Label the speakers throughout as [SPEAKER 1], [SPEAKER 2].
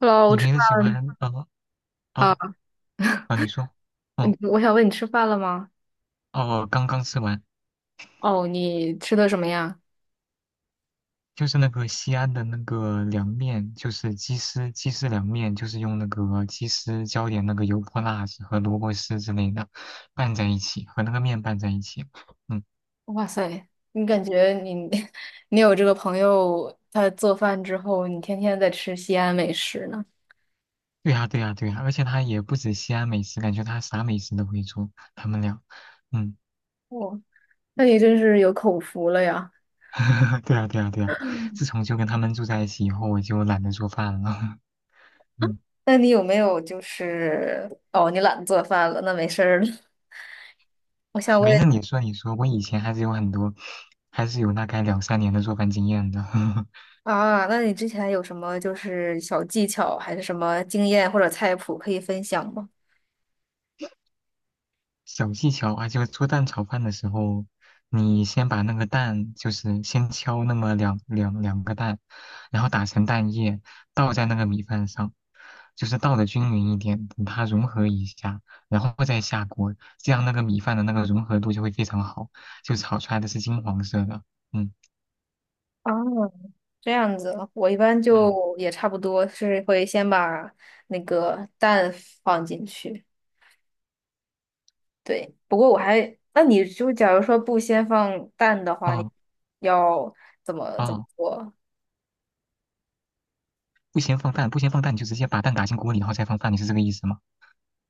[SPEAKER 1] Hello,
[SPEAKER 2] 你
[SPEAKER 1] 吃
[SPEAKER 2] 平时喜
[SPEAKER 1] 饭
[SPEAKER 2] 欢
[SPEAKER 1] 啊？
[SPEAKER 2] 哦。啊，你说。
[SPEAKER 1] 你我想问你吃饭了吗？
[SPEAKER 2] 哦，刚刚吃完，
[SPEAKER 1] 哦，你吃的什么呀？
[SPEAKER 2] 就是那个西安的那个凉面，就是鸡丝凉面，就是用那个鸡丝浇点那个油泼辣子和萝卜丝之类的拌在一起，和那个面拌在一起。嗯，
[SPEAKER 1] 哇塞，你感觉你 你有这个朋友，他做饭之后，你天天在吃西安美食呢？
[SPEAKER 2] 对呀对呀对呀，而且他也不止西安美食，感觉他啥美食都会做，他们俩。嗯，
[SPEAKER 1] 哦，那你真是有口福了呀！
[SPEAKER 2] 对呀对呀对呀，自从就跟他们住在一起以后，我就懒得做饭了。嗯。
[SPEAKER 1] 那你有没有你懒得做饭了，那没事儿了。我想
[SPEAKER 2] 没
[SPEAKER 1] 问
[SPEAKER 2] 事，你说你说，我以前还是有很多，还是有大概两三年的做饭经验的。
[SPEAKER 1] 啊，那你之前有什么就是小技巧，还是什么经验或者菜谱可以分享吗？
[SPEAKER 2] 小技巧啊，就是做蛋炒饭的时候，你先把那个蛋，就是先敲那么两个蛋，然后打成蛋液，倒在那个米饭上，就是倒的均匀一点，等它融合一下，然后再下锅，这样那个米饭的那个融合度就会非常好，就炒出来的是金黄色的。嗯
[SPEAKER 1] 哦，这样子，我一般
[SPEAKER 2] 嗯。
[SPEAKER 1] 就也差不多是会先把那个蛋放进去。对，不过我还，那你就假如说不先放蛋的话，你
[SPEAKER 2] 哦
[SPEAKER 1] 要怎么
[SPEAKER 2] 哦，
[SPEAKER 1] 做？
[SPEAKER 2] 不先放饭，不先放蛋，你就直接把蛋打进锅里，然后再放饭，你是这个意思吗？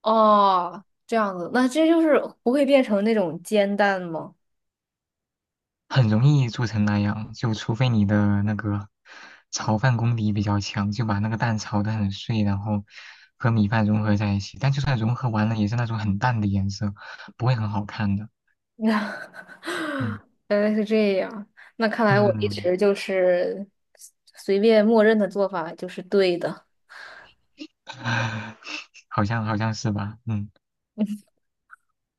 [SPEAKER 1] 哦，这样子，那这就是不会变成那种煎蛋吗？
[SPEAKER 2] 很容易做成那样，就除非你的那个炒饭功底比较强，就把那个蛋炒得很碎，然后和米饭融合在一起。但就算融合完了，也是那种很淡的颜色，不会很好看的。嗯
[SPEAKER 1] 原来是这样，那看来我一
[SPEAKER 2] 嗯，
[SPEAKER 1] 直就是随便默认的做法就是对的。
[SPEAKER 2] 好像是吧？嗯，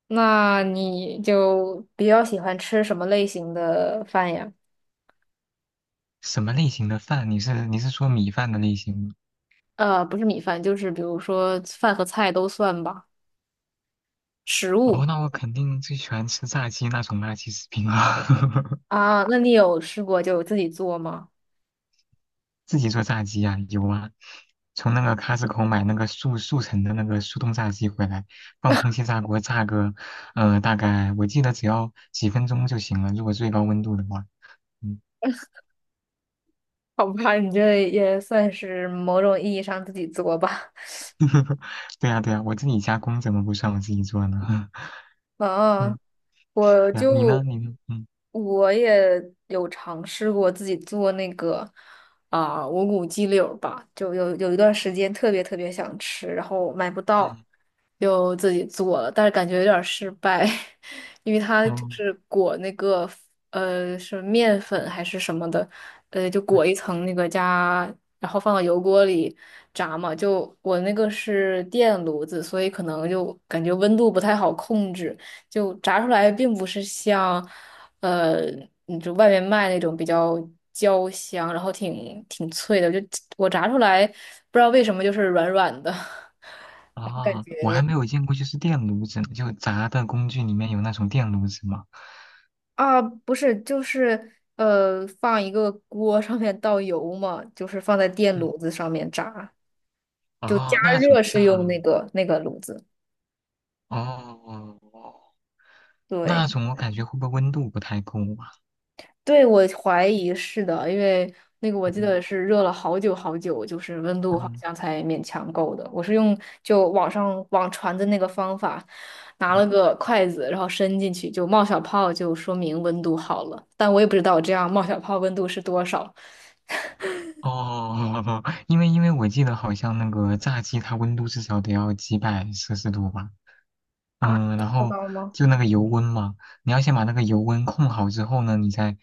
[SPEAKER 1] 那你就比较喜欢吃什么类型的饭呀？
[SPEAKER 2] 什么类型的饭？你是说米饭的类型吗？
[SPEAKER 1] 呃，不是米饭，就是比如说饭和菜都算吧。食物，
[SPEAKER 2] 哦，那我肯定最喜欢吃炸鸡那种垃圾食品了。
[SPEAKER 1] 啊，那你有试过就自己做吗？
[SPEAKER 2] 自己做炸鸡啊，有啊，从那个 c o 口买那个速成的那个速冻炸鸡回来，放空气炸锅炸个，大概我记得只要几分钟就行了，如果最高温度的话。嗯，
[SPEAKER 1] 好吧，你这也算是某种意义上自己做吧。
[SPEAKER 2] 对呀对呀，我自己加工怎么不算我自己做呢？
[SPEAKER 1] 啊，
[SPEAKER 2] 嗯，
[SPEAKER 1] 我
[SPEAKER 2] 对呀，你呢？
[SPEAKER 1] 就
[SPEAKER 2] 你呢？嗯
[SPEAKER 1] 我也有尝试过自己做那个无骨鸡柳儿吧，就有一段时间特别想吃，然后买不到，
[SPEAKER 2] 嗯
[SPEAKER 1] 就自己做了，但是感觉有点儿失败，因为它就
[SPEAKER 2] 嗯
[SPEAKER 1] 是裹那个是面粉还是什么的，就
[SPEAKER 2] 嗯。
[SPEAKER 1] 裹一层那个加，然后放到油锅里炸嘛，就我那个是电炉子，所以可能就感觉温度不太好控制。就炸出来并不是像，呃，你就外面卖那种比较焦香，然后挺脆的。就我炸出来，不知道为什么就是软软的，然后感
[SPEAKER 2] 啊，我还
[SPEAKER 1] 觉
[SPEAKER 2] 没有见过就是电炉子呢就炸的工具里面有那种电炉子吗？
[SPEAKER 1] 啊，不是，就是放一个锅上面倒油嘛，就是放在电
[SPEAKER 2] 嗯，
[SPEAKER 1] 炉子上面炸，加
[SPEAKER 2] 哦，那种
[SPEAKER 1] 热
[SPEAKER 2] 炸，
[SPEAKER 1] 是用那个炉子，
[SPEAKER 2] 哦。哦，
[SPEAKER 1] 对。
[SPEAKER 2] 那种我感觉会不会温度不太够啊？
[SPEAKER 1] 对，我怀疑是的，因为那个我记
[SPEAKER 2] 嗯
[SPEAKER 1] 得是热了好久，就是温度好
[SPEAKER 2] 嗯，
[SPEAKER 1] 像才勉强够的。我是用就网上网传的那个方法，拿
[SPEAKER 2] 嗯
[SPEAKER 1] 了个筷子，然后伸进去就冒小泡，就说明温度好了。但我也不知道我这样冒小泡温度是多少。
[SPEAKER 2] 哦，因为我记得好像那个炸鸡它温度至少得要几百摄氏度吧，
[SPEAKER 1] 啊？这
[SPEAKER 2] 嗯，然
[SPEAKER 1] 么
[SPEAKER 2] 后
[SPEAKER 1] 高吗？
[SPEAKER 2] 就那个油温嘛，你要先把那个油温控好之后呢，你再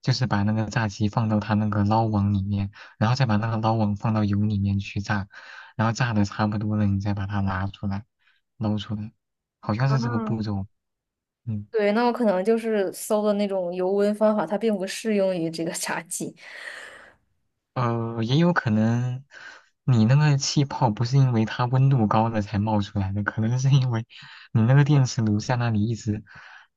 [SPEAKER 2] 就是把那个炸鸡放到它那个捞网里面，然后再把那个捞网放到油里面去炸，然后炸的差不多了，你再把它拿出来捞出来，好像是这个
[SPEAKER 1] 啊，
[SPEAKER 2] 步骤。嗯
[SPEAKER 1] 对，那我可能就是搜的那种油温方法，它并不适用于这个炸鸡。
[SPEAKER 2] 也有可能你那个气泡不是因为它温度高了才冒出来的，可能是因为你那个电磁炉在那里一直，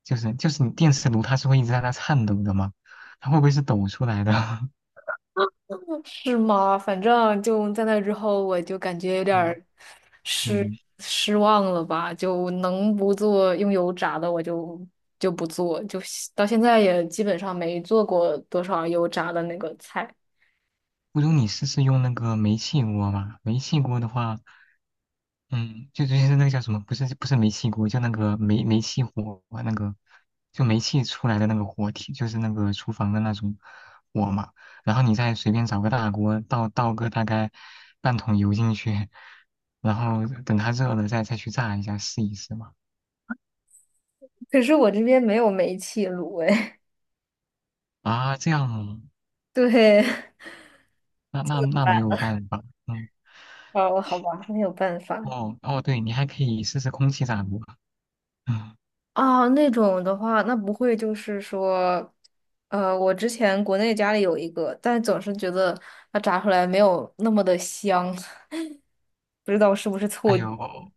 [SPEAKER 2] 就是你电磁炉它是会一直在那颤抖的嘛，它会不会是抖出来的？
[SPEAKER 1] 是吗？反正就在那之后，我就感觉有点
[SPEAKER 2] 嗯
[SPEAKER 1] 儿失
[SPEAKER 2] 嗯，
[SPEAKER 1] 失望了吧，就能不做用油炸的我就就不做，就到现在也基本上没做过多少油炸的那个菜。
[SPEAKER 2] 不如你试试用那个煤气锅吧，煤气锅的话。嗯，就是那个叫什么，不是不是煤气锅，就那个煤气火啊那个，就煤气出来的那个火体，就是那个厨房的那种火嘛。然后你再随便找个大锅倒个大概半桶油进去，然后等它热了再去炸一下试一试嘛。
[SPEAKER 1] 可是我这边没有煤气炉哎。
[SPEAKER 2] 啊，这样哦
[SPEAKER 1] 对，
[SPEAKER 2] 那没有办法。嗯，
[SPEAKER 1] 哦，好吧，没有办法。
[SPEAKER 2] 哦哦，对，你还可以试试空气炸锅，嗯，
[SPEAKER 1] 啊，那种的话，那不会就是说，我之前国内家里有一个，但总是觉得它炸出来没有那么的香，不知道是不是
[SPEAKER 2] 还
[SPEAKER 1] 错觉。
[SPEAKER 2] 有。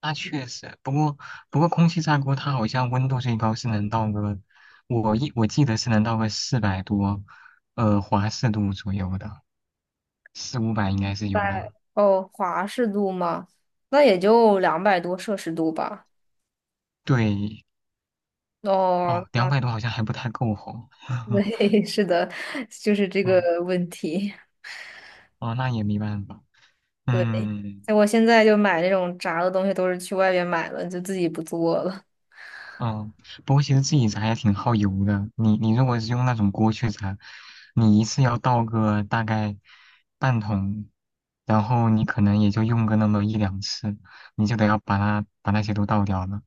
[SPEAKER 2] 那确实，不过空气炸锅它好像温度最高是能到个，我记得是能到个400多，华氏度左右的，四五百应该是有的。
[SPEAKER 1] 华氏度嘛，那也就两百多摄氏度吧。
[SPEAKER 2] 对，
[SPEAKER 1] 哦，
[SPEAKER 2] 哦，两
[SPEAKER 1] 啊，
[SPEAKER 2] 百多好像还不太够吼。
[SPEAKER 1] 对，是的，就是这个
[SPEAKER 2] 嗯，
[SPEAKER 1] 问题。
[SPEAKER 2] 哦，那也没办法。
[SPEAKER 1] 对，
[SPEAKER 2] 嗯，
[SPEAKER 1] 我现在就买那种炸的东西，都是去外边买了，就自己不做了。
[SPEAKER 2] 嗯，不过其实自己炸也挺耗油的。你如果是用那种锅去炸，你一次要倒个大概半桶，然后你可能也就用个那么一两次，你就得要把它把那些都倒掉了。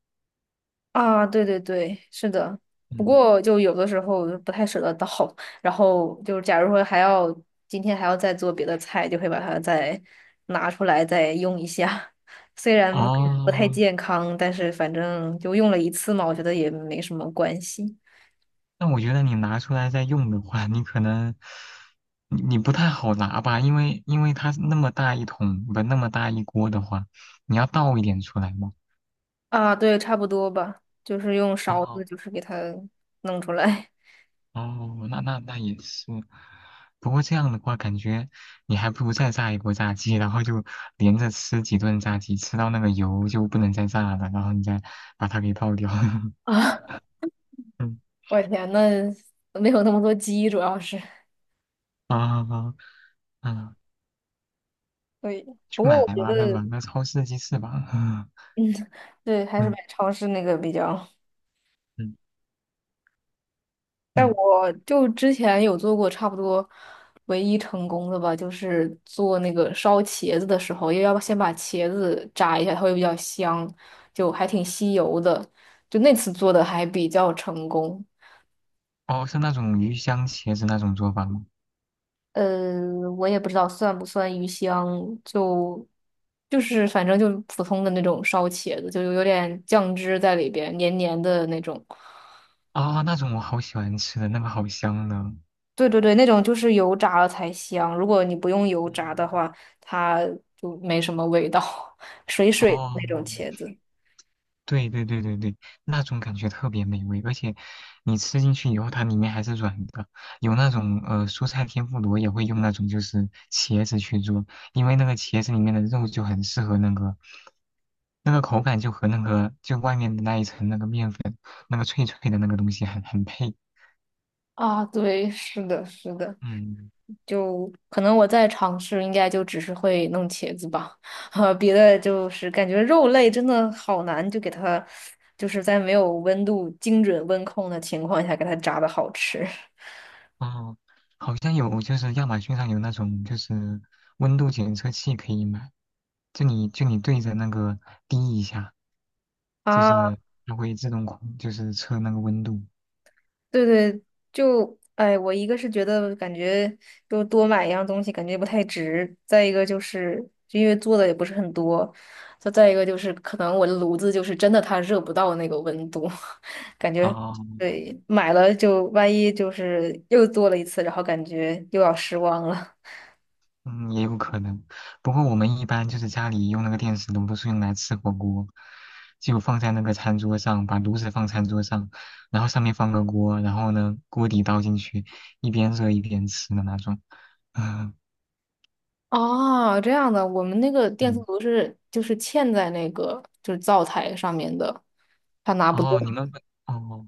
[SPEAKER 1] 啊，对对对，是的。不
[SPEAKER 2] 嗯，
[SPEAKER 1] 过就有的时候不太舍得倒，然后就是假如说今天还要再做别的菜，就会把它再拿出来再用一下。虽然
[SPEAKER 2] 嗯
[SPEAKER 1] 可能不太
[SPEAKER 2] 哦，
[SPEAKER 1] 健康，但是反正就用了一次嘛，我觉得也没什么关系。
[SPEAKER 2] 那我觉得你拿出来再用的话，你可能你不太好拿吧，因为它那么大一桶，不那么大一锅的话，你要倒一点出来嘛。
[SPEAKER 1] 啊，对，差不多吧，就是用勺
[SPEAKER 2] 哦
[SPEAKER 1] 子，就是给它弄出来。
[SPEAKER 2] 哦，那也是，不过这样的话，感觉你还不如再炸一波炸鸡，然后就连着吃几顿炸鸡，吃到那个油就不能再炸了，然后你再把它给倒掉。
[SPEAKER 1] 啊，
[SPEAKER 2] 嗯
[SPEAKER 1] 我天，那没有那么多鸡，主要是。
[SPEAKER 2] 啊啊啊！
[SPEAKER 1] 对，
[SPEAKER 2] 去
[SPEAKER 1] 不过
[SPEAKER 2] 买
[SPEAKER 1] 我觉
[SPEAKER 2] 吧，
[SPEAKER 1] 得
[SPEAKER 2] 那个超市鸡翅吧。
[SPEAKER 1] 对，还是买
[SPEAKER 2] 嗯
[SPEAKER 1] 超市那个比较。
[SPEAKER 2] 嗯
[SPEAKER 1] 但
[SPEAKER 2] 嗯，
[SPEAKER 1] 我就之前有做过差不多唯一成功的吧，就是做那个烧茄子的时候，因为要先把茄子炸一下，它会比较香，就还挺吸油的。就那次做的还比较成功。
[SPEAKER 2] 哦，是那种鱼香茄子那种做法吗？
[SPEAKER 1] 呃，我也不知道算不算鱼香，就就是反正就普通的那种烧茄子，就有点酱汁在里边，黏黏的那种。
[SPEAKER 2] 啊、那种我好喜欢吃的，那个好香的。
[SPEAKER 1] 对对对，那种就是油炸了才香，如果你不用油炸的
[SPEAKER 2] 嗯
[SPEAKER 1] 话，它就没什么味道，水水的那
[SPEAKER 2] 哦。
[SPEAKER 1] 种茄子。
[SPEAKER 2] 对对对对对，那种感觉特别美味，而且你吃进去以后，它里面还是软的。有那种蔬菜天妇罗也会用那种就是茄子去做，因为那个茄子里面的肉就很适合那个那个口感就和那个就外面的那一层那个面粉那个脆脆的那个东西很配。
[SPEAKER 1] 啊，对，是的，是的，
[SPEAKER 2] 嗯。
[SPEAKER 1] 就可能我在尝试，应该就只是会弄茄子吧，哈，别的就是感觉肉类真的好难，就给它，就是在没有温度精准温控的情况下给它炸的好吃。
[SPEAKER 2] 哦，好像有，就是亚马逊上有那种就是温度检测器可以买，就你对着那个滴一下，就
[SPEAKER 1] 啊。
[SPEAKER 2] 是它会自动控，就是测那个温度。
[SPEAKER 1] 对对，就哎，我一个是觉得感觉就多买一样东西感觉不太值，再一个就是就因为做的也不是很多，再一个就是可能我的炉子就是真的它热不到那个温度，感觉
[SPEAKER 2] 哦，
[SPEAKER 1] 对买了就万一就是又做了一次，然后感觉又要失望了。
[SPEAKER 2] 嗯，也有可能。不过我们一般就是家里用那个电磁炉都是用来吃火锅，就放在那个餐桌上，把炉子放餐桌上，然后上面放个锅，然后呢锅底倒进去，一边热一边吃的那种。嗯
[SPEAKER 1] 哦，这样的，我们那个电磁
[SPEAKER 2] 嗯，
[SPEAKER 1] 炉是就是嵌在那个就是灶台上面的，它拿不动。
[SPEAKER 2] 哦，你们哦。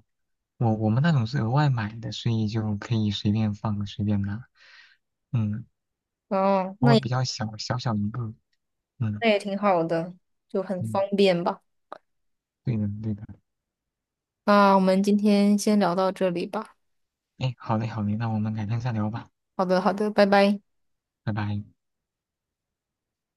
[SPEAKER 2] 我们那种是额外买的，所以就可以随便放随便拿。嗯，
[SPEAKER 1] 哦，
[SPEAKER 2] 不
[SPEAKER 1] 那
[SPEAKER 2] 过比较小，小小一个。嗯
[SPEAKER 1] 那也挺好的，就很方
[SPEAKER 2] 嗯，
[SPEAKER 1] 便吧。
[SPEAKER 2] 对的对的。
[SPEAKER 1] 那我们今天先聊到这里吧。
[SPEAKER 2] 哎，好嘞好嘞，那我们改天再聊吧，
[SPEAKER 1] 好的，好的，拜拜。
[SPEAKER 2] 拜拜。